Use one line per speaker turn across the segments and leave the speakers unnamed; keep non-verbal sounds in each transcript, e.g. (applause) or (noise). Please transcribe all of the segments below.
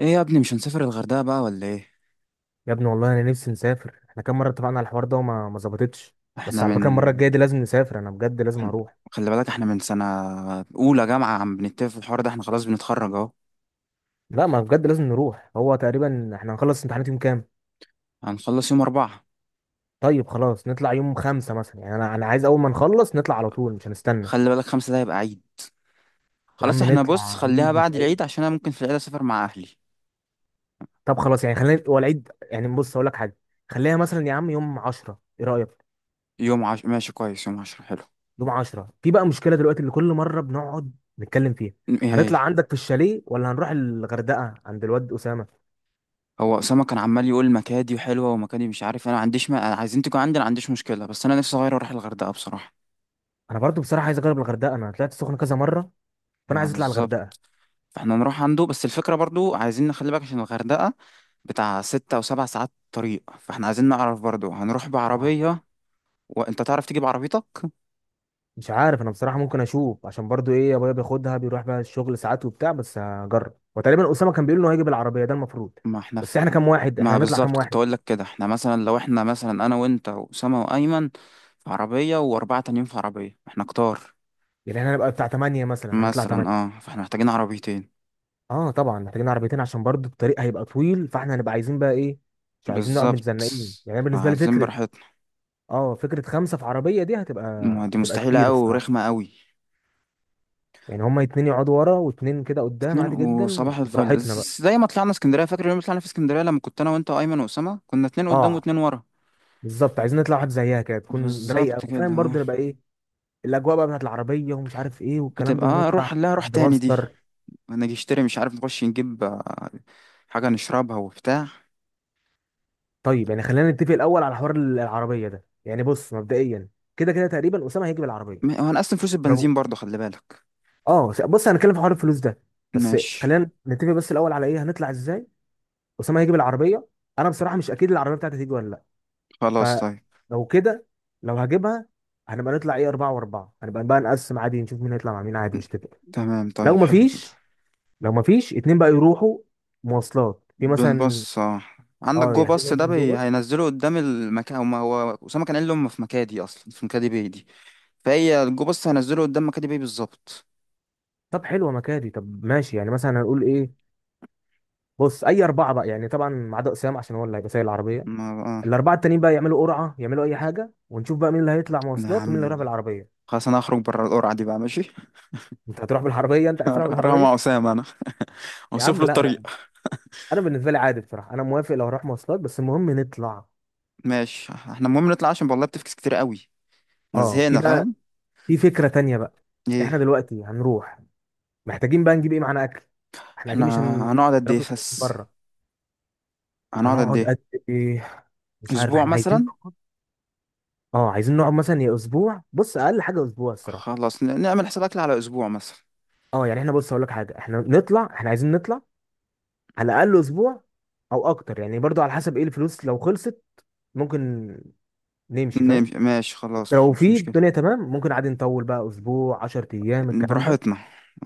ايه يا ابني، مش هنسافر الغردقة بقى ولا ايه؟
يا ابني والله انا نفسي نسافر. احنا كام مره اتفقنا على الحوار ده وما ما ظبطتش. بس
احنا
على فكره المره
من
الجايه دي لازم نسافر، انا بجد لازم
إحنا-
هروح.
خلي بالك احنا من سنة اولى جامعة عم بنتفق في الحوار ده، احنا خلاص بنتخرج اهو.
لا ما بجد لازم نروح، هو تقريبا احنا هنخلص امتحانات يوم كام؟
هنخلص يوم 4.
طيب خلاص نطلع يوم خمسة مثلا، يعني انا عايز اول ما نخلص نطلع على طول، مش هنستنى.
خلي بالك خمسة ده هيبقى عيد.
يا
خلاص
عم
احنا بص،
نطلع
خليها
عيد مش
بعد العيد
عيد.
عشان انا ممكن في العيد اسافر مع اهلي.
طب خلاص يعني خلينا هو العيد، يعني بص اقول لك حاجه. خليها مثلا يا عم يوم 10، ايه رايك؟
ماشي، كويس، يوم 10 حلو.
يوم 10 في بقى مشكله دلوقتي اللي كل مره بنقعد نتكلم فيها.
ايه هي؟
هنطلع عندك في الشاليه ولا هنروح الغردقه عند الواد اسامه؟
هو اسامة كان عمال يقول مكادي وحلوة ومكادي مش عارف إيه، انا ما عنديش ما... أنا عايزين تيجوا عندي، انا ما عنديش مشكلة بس انا نفسي اغير واروح الغردقة بصراحة.
انا برضو بصراحه عايز اجرب الغردقه، انا طلعت السخنه كذا مره فانا
ما
عايز اطلع الغردقه.
بالظبط. فاحنا نروح عنده بس الفكرة برضو عايزين نخلي بالك عشان الغردقة بتاع ستة أو سبع ساعات طريق، فاحنا عايزين نعرف برضو هنروح
اه،
بعربية وانت تعرف تجيب عربيتك.
مش عارف انا بصراحه، ممكن اشوف عشان برضو ايه ابويا بياخدها بيروح بقى الشغل ساعات وبتاع، بس هجرب. وتقريبا اسامه كان بيقول انه هيجي بالعربيه ده المفروض.
ما احنا
بس
في...
احنا كام واحد، احنا
ما
هنطلع كام
بالظبط كنت
واحد؟
أقول لك كده، احنا مثلا لو احنا مثلا أنا وأنت وأسامة وأيمن في عربية وأربعة تانيين في عربية، احنا كتار.
يعني احنا هنبقى بتاع 8 مثلا، هنطلع
مثلا
8.
اه، فاحنا محتاجين عربيتين.
اه طبعا محتاجين عربيتين عشان برضو الطريق هيبقى طويل، فاحنا هنبقى عايزين بقى ايه، مش عايزين نقعد
بالظبط،
متزنقين. يعني أنا بالنسبه لي
فعايزين
فكره،
براحتنا.
اه فكره خمسه في عربيه دي هتبقى،
ما دي
هتبقى
مستحيلة
كتير
أوي ورخمة
الصراحه.
أوي.
يعني هما اتنين يقعدوا ورا واتنين كده قدام
اتنين
عادي جدا،
وصباح الفل،
براحتنا.
زي ما طلعنا اسكندرية، فاكر يوم ما طلعنا في اسكندرية لما كنت أنا وأنت وأيمن وأسامة؟ كنا اتنين قدام
اه
واتنين ورا.
بالظبط، عايزين نطلع واحد زيها كده تكون رايقه
بالظبط كده،
وفاهم
آه.
برضه، نبقى ايه الاجواء بقى بتاعت العربيه ومش عارف ايه والكلام
بتبقى
ده،
اه
ونطلع
روح لا روح
عند
تاني دي.
ماستر.
انا اجي اشتري مش عارف نخش نجيب حاجة نشربها وبتاع.
طيب يعني خلينا نتفق الاول على حوار العربيه ده، يعني بص مبدئيا كده كده تقريبا اسامه هيجي بالعربيه.
هو انا اصلا فلوس
برافو.
البنزين برضه خلي بالك.
اه، بص هنتكلم في حوار الفلوس ده، بس
ماشي.
خلينا نتفق بس الاول على ايه هنطلع ازاي. اسامه هيجي بالعربيه، انا بصراحه مش اكيد العربيه بتاعتي هتيجي ولا لا.
خلاص طيب.
فلو كده لو هجيبها هنبقى نطلع ايه اربعه واربعه، هنبقى بقى نقسم عادي نشوف مين هيطلع مع مين عادي مش تفق.
تمام
لو
طيب، حلو كده.
مفيش لو مفيش اتنين بقى يروحوا مواصلات في مثلا،
بالبص اه، عندك
اه
جو باص
يحجزوا
ده،
مثلا جو باص.
هينزله قدام المكان. هو اسامه كان قال لي هم في مكادي اصلا في مكادي باي دي. فهي الجو باص هينزله قدام مكادي باي بالظبط.
طب حلوه مكادي، طب ماشي يعني مثلا هنقول ايه. بص اي اربعه بقى يعني طبعا ما عدا اسامه عشان هو اللي هيبقى سايق العربيه.
ما بقى.
الاربعه التانيين بقى يعملوا قرعه يعملوا اي حاجه ونشوف بقى مين اللي هيطلع
انا يا
مواصلات ومين اللي هيروح
عم،
بالعربيه.
خلاص انا هخرج بره القرعه دي بقى، ماشي.
انت هتروح بالعربيه، انت عايز تروح
(laughs) هروح مع
بالعربيه؟
اسامه انا،
(laughs) يا
اوصف
عم
له
لا، انا،
الطريق.
انا بالنسبه لي عادي بصراحه انا موافق لو هروح مواصلات، بس المهم نطلع.
ماشي، احنا المهم نطلع عشان والله بتفكس كتير قوي، احنا
اه في
زهقنا
بقى،
فاهم.
في فكره تانيه بقى. احنا
ايه؟
دلوقتي هنروح محتاجين بقى نجيب ايه معانا، اكل. احنا اكيد مش
احنا
هناكل
هنقعد قد ايه
من
بس؟
بره.
هنقعد قد
هنقعد
ايه؟
قد ايه، مش عارف
اسبوع
احنا عايزين،
مثلا.
اه عايزين نقعد مثلا يا اسبوع، بص اقل حاجه اسبوع الصراحه.
خلاص نعمل حساب اكل على اسبوع مثلا.
اه يعني احنا بص هقول لك حاجه، احنا نطلع احنا عايزين نطلع على الاقل اسبوع او اكتر، يعني برضو على حسب ايه الفلوس، لو خلصت ممكن نمشي فاهم.
نمشي ماشي خلاص
لو
مش
في
مشكلة.
الدنيا تمام ممكن عادي نطول بقى اسبوع 10 ايام الكلام ده،
براحتنا،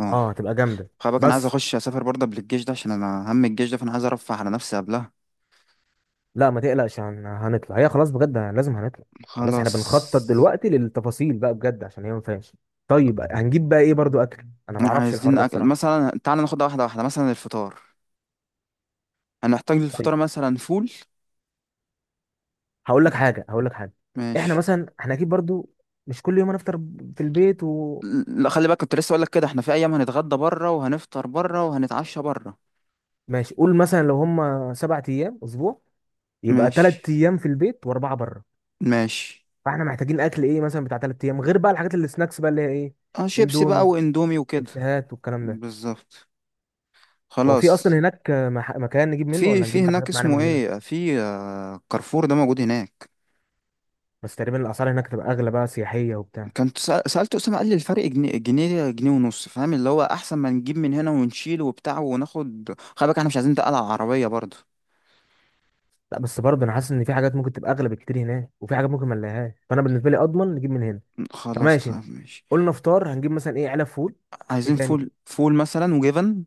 اه.
اه هتبقى جامده.
خلي بالك انا عايز
بس
اخش اسافر برضه قبل الجيش ده عشان انا هم الجيش ده، فانا عايز ارفه على نفسي قبلها.
لا ما تقلقش هنطلع، هي خلاص بجد لازم هنطلع. خلاص احنا
خلاص.
بنخطط دلوقتي للتفاصيل بقى بجد عشان هي ما فيهاش. طيب هنجيب بقى ايه برضو اكل، انا ما اعرفش الحوار
عايزين
ده
اكل
بصراحه.
مثلا تعالى ناخدها واحدة واحدة، مثلا الفطار هنحتاج
طيب
للفطار مثلا فول.
هقول لك حاجه، احنا
ماشي.
مثلا احنا اكيد برضو مش كل يوم هنفطر في البيت. و...
لا خلي بالك كنت لسه اقول لك كده، احنا في ايام هنتغدى بره وهنفطر بره وهنتعشى بره.
ماشي قول مثلا لو هم سبع ايام اسبوع يبقى ثلاث
ماشي
ايام في البيت واربعه بره.
ماشي.
فاحنا محتاجين اكل ايه مثلا بتاع ثلاث ايام، غير بقى الحاجات اللي سناكس بقى اللي هي ايه،
اه شيبسي بقى
اندومي،
واندومي وكده.
شيبسيهات والكلام ده.
بالظبط.
هو في
خلاص.
اصلا هناك مكان نجيب منه
في
ولا
في
نجيب بقى
هناك
الحاجات معانا من
اسمه
هنا؟
ايه، في كارفور ده موجود هناك.
بس تقريبا الاسعار هناك تبقى اغلى بقى سياحيه وبتاع.
كنت سألت أسامة قال لي الفرق جنيه، جنيه جنيه ونص فاهم، اللي هو أحسن ما نجيب من هنا ونشيل وبتاع وناخد. خلي بالك احنا مش عايزين نتقل على العربية برضه.
لا بس برضه انا حاسس ان في حاجات ممكن تبقى اغلى بكتير هناك، وفي حاجات ممكن ما نلاقيهاش، فانا بالنسبه لي اضمن نجيب من هنا.
خلاص
فماشي
طب
انت.
ماشي.
قلنا فطار هنجيب مثلا ايه، علب فول. ايه
عايزين
تاني؟
فول فول مثلا وجبن.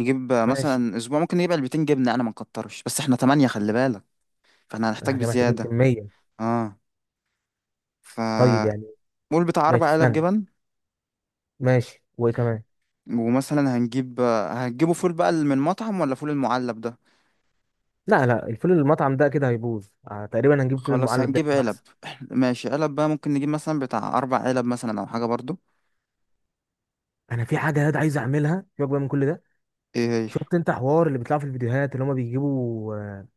نجيب
ماشي،
مثلا أسبوع ممكن نجيب علبتين جبنة أنا ما نكترش بس احنا تمانية خلي بالك، فاحنا هنحتاج
احنا محتاجين
بزيادة.
كميه.
اه ف
طيب يعني
قول بتاع
ماشي
أربع علب
استنى،
جبن.
ماشي، وايه كمان؟
ومثلا هتجيبوا فول بقى من مطعم ولا فول المعلب ده؟
لا لا، الفول المطعم ده كده هيبوظ آه، تقريبا هنجيب فول
خلاص
المعلب ده
هنجيب
يكون
علب
احسن.
(clears throat) (laughs) ماشي علب بقى ممكن نجيب مثلا بتاع اربع علب مثلا او حاجه برضو.
انا في حاجه ياد عايز اعملها، سيبك بقى من كل ده.
ايه هي؟
شفت انت حوار اللي بيطلع في الفيديوهات اللي هما بيجيبوا آه،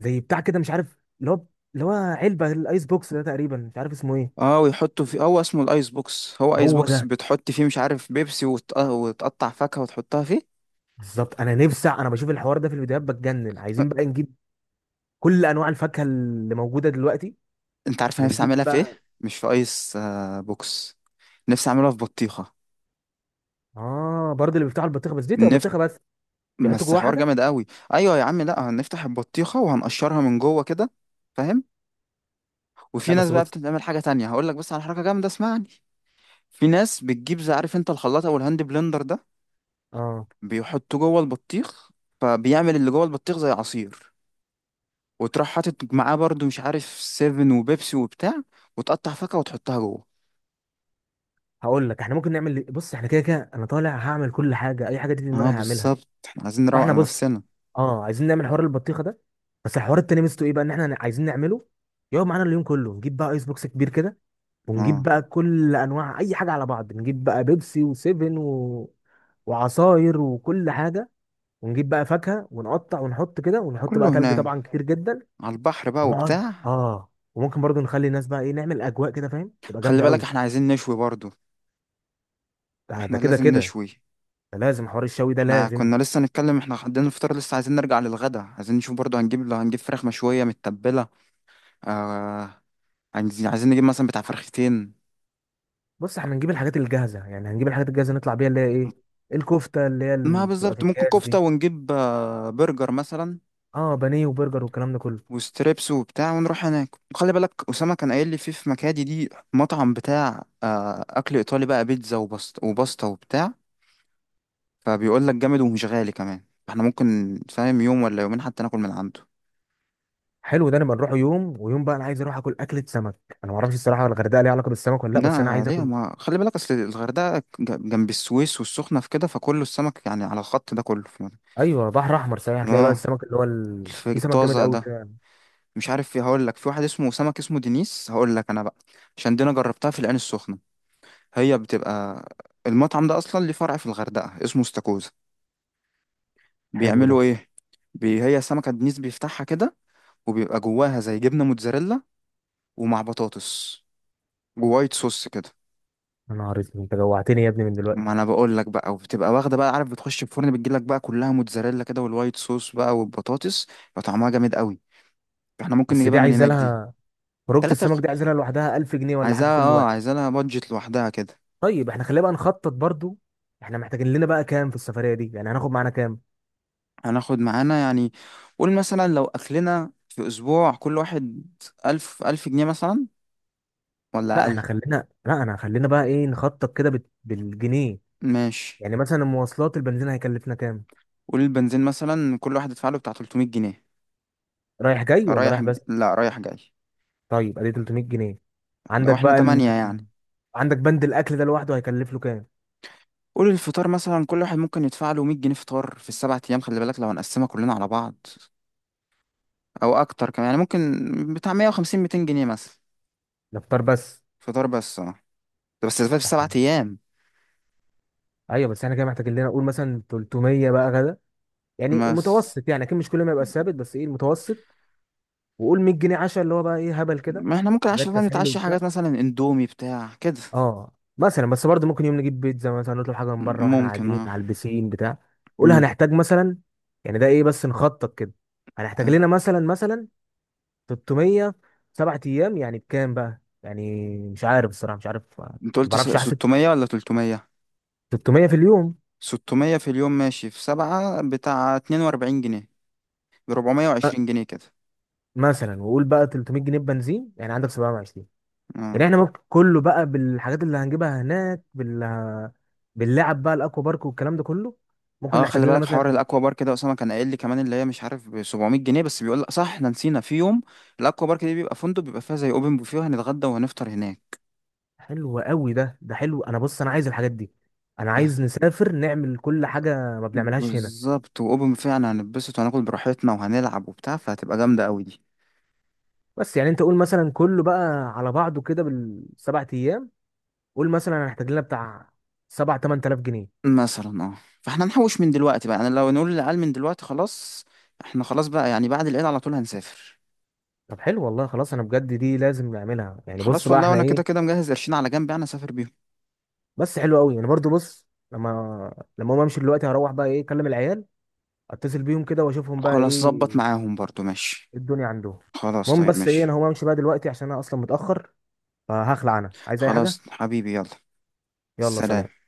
زي بتاع كده مش عارف اللي هو، اللي هو علبه الايس بوكس ده، تقريبا مش عارف اسمه ايه.
اه ويحطوا فيه، هو اسمه الايس بوكس. هو ايس
هو
بوكس
ده
بتحط فيه مش عارف بيبسي وتقطع فاكهه وتحطها فيه.
بالظبط، انا نفسي، انا بشوف الحوار ده في الفيديوهات بتجنن،
أه.
عايزين بقى نجيب كل انواع الفاكهه اللي موجوده دلوقتي.
انت عارف انا نفسي
ونجيب
اعملها في ايه؟
بقى
مش في ايس بوكس. نفسي اعملها في بطيخه.
اه برضه اللي بيفتحوا البطيخه، بس دي تبقى
نفت
بطيخه بس، بيحطوا
بس
جواها
حوار
حاجه.
جامد قوي. ايوه يا عم، لا هنفتح البطيخه وهنقشرها من جوه كده فاهم.
لا
وفي ناس
بس
بقى
بص،
بتعمل حاجة تانية هقول لك، بس على حركة جامدة اسمعني. في ناس بتجيب زي عارف انت الخلاط او الهاند بلندر ده،
اه
بيحطوه جوه البطيخ، فبيعمل اللي جوه البطيخ زي عصير، وتروح حاطط معاه برضو مش عارف سيفن وبيبسي وبتاع، وتقطع فاكهة وتحطها جوه.
هقول لك احنا ممكن نعمل، بص احنا كده كده انا طالع هعمل كل حاجه، اي حاجه دي في دماغي
اه
هعملها.
بالظبط، احنا عايزين نروق
فاحنا
على
بص،
نفسنا.
اه عايزين نعمل حوار البطيخه ده، بس الحوار التاني ميزته ايه بقى ان احنا عايزين نعمله يقعد معانا اليوم كله. نجيب بقى ايس بوكس كبير كده، ونجيب
اه
بقى كل انواع اي حاجه على بعض، نجيب بقى بيبسي وسيفن و... وعصاير وكل حاجه، ونجيب بقى فاكهه ونقطع ونحط كده، ونحط
كله
بقى تلج
هناك
طبعا كتير جدا،
على البحر بقى
ونقعد.
وبتاع.
اه وممكن برضو نخلي الناس بقى ايه، نعمل اجواء كده فاهم تبقى
خلي
جامده
بالك
قوي.
احنا عايزين نشوي برضو.
ده
احنا
ده كده
لازم
كده،
نشوي.
ده لازم، حوار الشوي ده
احنا
لازم.
كنا لسه نتكلم، احنا عندنا الفطار لسه عايزين نرجع للغدا. عايزين نشوف برضو هنجيب، لو هنجيب فراخ مشوية متبلة، آه عايزين نجيب مثلا بتاع فرختين.
بص احنا نجيب الحاجات الجاهزه، يعني هنجيب الحاجات الجاهزه نطلع بيها اللي هي ايه، الكفته اللي هي
ما
اللي بتبقى في
بالظبط، ممكن
الكاس
كفتة
دي.
ونجيب برجر مثلا
اه بانيه وبرجر والكلام ده كله.
وستريبس وبتاع، ونروح هناك. وخلي بالك أسامة كان قايل لي في مكادي دي مطعم بتاع أكل إيطالي بقى بيتزا وبسط وباستا وبتاع. فبيقول لك جامد ومش غالي كمان، احنا ممكن فاهم يوم ولا يومين حتى ناكل من عنده.
حلو ده، نبقى نروح يوم ويوم بقى. انا عايز اروح اكل اكله سمك، انا ما اعرفش الصراحه الغردقه ليها علاقه بالسمك ولا لا، بس انا
لا
عايز
ليه،
اكل.
ما خلي بالك اصل الغردقة جنب السويس والسخنة في كده، فكله السمك يعني على الخط ده كله في مرة.
ايوه بحر احمر صحيح، هتلاقي بقى
اه.
السمك اللي هو في سمك جامد
الطازة
قوي
ده.
كده.
مش عارف في هقول لك، في واحد اسمه سمك اسمه دينيس هقول لك انا بقى، عشان دي انا جربتها في العين السخنه. هي بتبقى، المطعم ده اصلا ليه فرع في الغردقه اسمه استاكوزا،
حلو ده.
بيعملوا ايه، هي سمكه دينيس بيفتحها كده وبيبقى جواها زي جبنه موتزاريلا ومع بطاطس ووايت صوص كده.
يا نهار اسود انت جوعتني يا ابني من
ما
دلوقتي،
انا بقول لك بقى، وبتبقى واخده بقى عارف بتخش الفرن بتجي لك بقى كلها موتزاريلا كده والوايت صوص بقى والبطاطس يبقى طعمها جامد قوي. احنا ممكن
بس دي
نجيبها من
عايزه
هناك دي.
لها خروجه،
تلاتة.
السمك دي عايزه لها لوحدها 1000 جنيه ولا حاجه
عايزاها،
كل
اه
واحد.
عايزاها لها بادجت لوحدها كده.
طيب احنا خلينا بقى نخطط برضو، احنا محتاجين لنا بقى كام في السفريه دي، يعني هناخد معانا كام؟
هناخد معانا يعني، قول مثلا لو أكلنا في أسبوع كل واحد ألف، 1000 جنيه مثلا، ولا
لا احنا
أقل.
خلينا، لا انا خلينا بقى ايه نخطط كده بالجنيه.
ماشي،
يعني مثلا المواصلات البنزين هيكلفنا كام،
قول البنزين مثلا كل واحد يدفع له بتاع 300 جنيه.
رايح جاي ولا
رايح؟
رايح بس؟
لا رايح جاي.
طيب ادي 300 جنيه،
لو
عندك
احنا
بقى
تمانية يعني.
عندك بند الاكل ده لوحده هيكلف له كام؟
قول الفطار مثلا كل واحد ممكن يدفع له 100 جنيه فطار في السبع أيام خلي بالك لو هنقسمها كلنا على بعض، أو أكتر كمان يعني ممكن بتاع 150 200 جنيه مثلا.
ده فطار بس.
فطار بس اه، ده بس في السبع
إحنا-
أيام
ايوه بس احنا كده محتاجين لنا نقول مثلا 300 بقى غدا، يعني
بس.
المتوسط، يعني اكيد مش كل ما يبقى ثابت بس ايه المتوسط. وقول 100 جنيه عشاء اللي هو بقى ايه هبل كده،
ما احنا ممكن
حاجات
عشان
تسالي
نتعشى
وبتاع.
حاجات مثلا اندومي بتاع كده،
اه مثلا بس برضه ممكن يوم نجيب بيتزا مثلا، نطلب حاجه من بره واحنا
ممكن.
قاعدين
اه
على البسين بتاع قول
امم
هنحتاج مثلا، يعني ده ايه بس نخطط كده. هنحتاج لنا
تمام.
مثلا 300 سبع ايام، يعني بكام بقى، يعني مش عارف الصراحه، مش عارف، ما
انت قلت
بعرفش احسب.
600 ولا 300
300 في اليوم،
600 في اليوم ماشي، في 7 بتاع 42 جنيه، ب
م-
420 جنيه كده.
مثلا. وقول بقى 300 جنيه بنزين يعني عندك 720. يعني
اه.
احنا ممكن كله بقى بالحاجات اللي هنجيبها هناك باللعب بقى الاكوا بارك والكلام ده كله، ممكن
اه
نحتاج
خلي
لنا
بالك حوار
مثلا.
الاكوا بارك ده اسامه كان قايل لي كمان، اللي هي مش عارف ب 700 جنيه بس، بيقول لك صح احنا نسينا في يوم، الاكوا بارك دي بيبقى فندق بيبقى فيها زي اوبن بوفيه وهنتغدى وهنفطر هناك.
حلو قوي ده، ده حلو. انا بص انا عايز الحاجات دي، انا عايز نسافر نعمل كل حاجه ما بنعملهاش هنا.
بالظبط، واوبن بوفيه يعني هنتبسط وهناكل براحتنا وهنلعب وبتاع فهتبقى جامده قوي دي.
بس يعني انت قول مثلا كله بقى على بعضه كده بالسبع ايام، قول مثلا انا هحتاج لنا بتاع 7 8000 جنيه.
مثلا اه، فاحنا نحوش من دلوقتي بقى، يعني لو نقول للعيال من دلوقتي خلاص احنا خلاص بقى يعني بعد العيد على طول هنسافر.
طب حلو والله، خلاص انا بجد دي لازم نعملها، يعني بص
خلاص
بقى
والله
احنا
وانا كده
ايه.
كده مجهز قرشين على جنب يعني اسافر بيهم.
بس حلو قوي، يعني برضو بص، لما اقوم امشي دلوقتي هروح بقى ايه اكلم العيال، اتصل بيهم كده واشوفهم بقى
خلاص ظبط
ايه،
معاهم برضو ماشي.
إيه الدنيا عندهم.
خلاص
المهم
طيب
بس ايه، انا
ماشي.
هقوم امشي بقى دلوقتي عشان انا اصلا متاخر، فهخلع انا عايز اي حاجه.
خلاص حبيبي يلا،
يلا سلام.
سلام.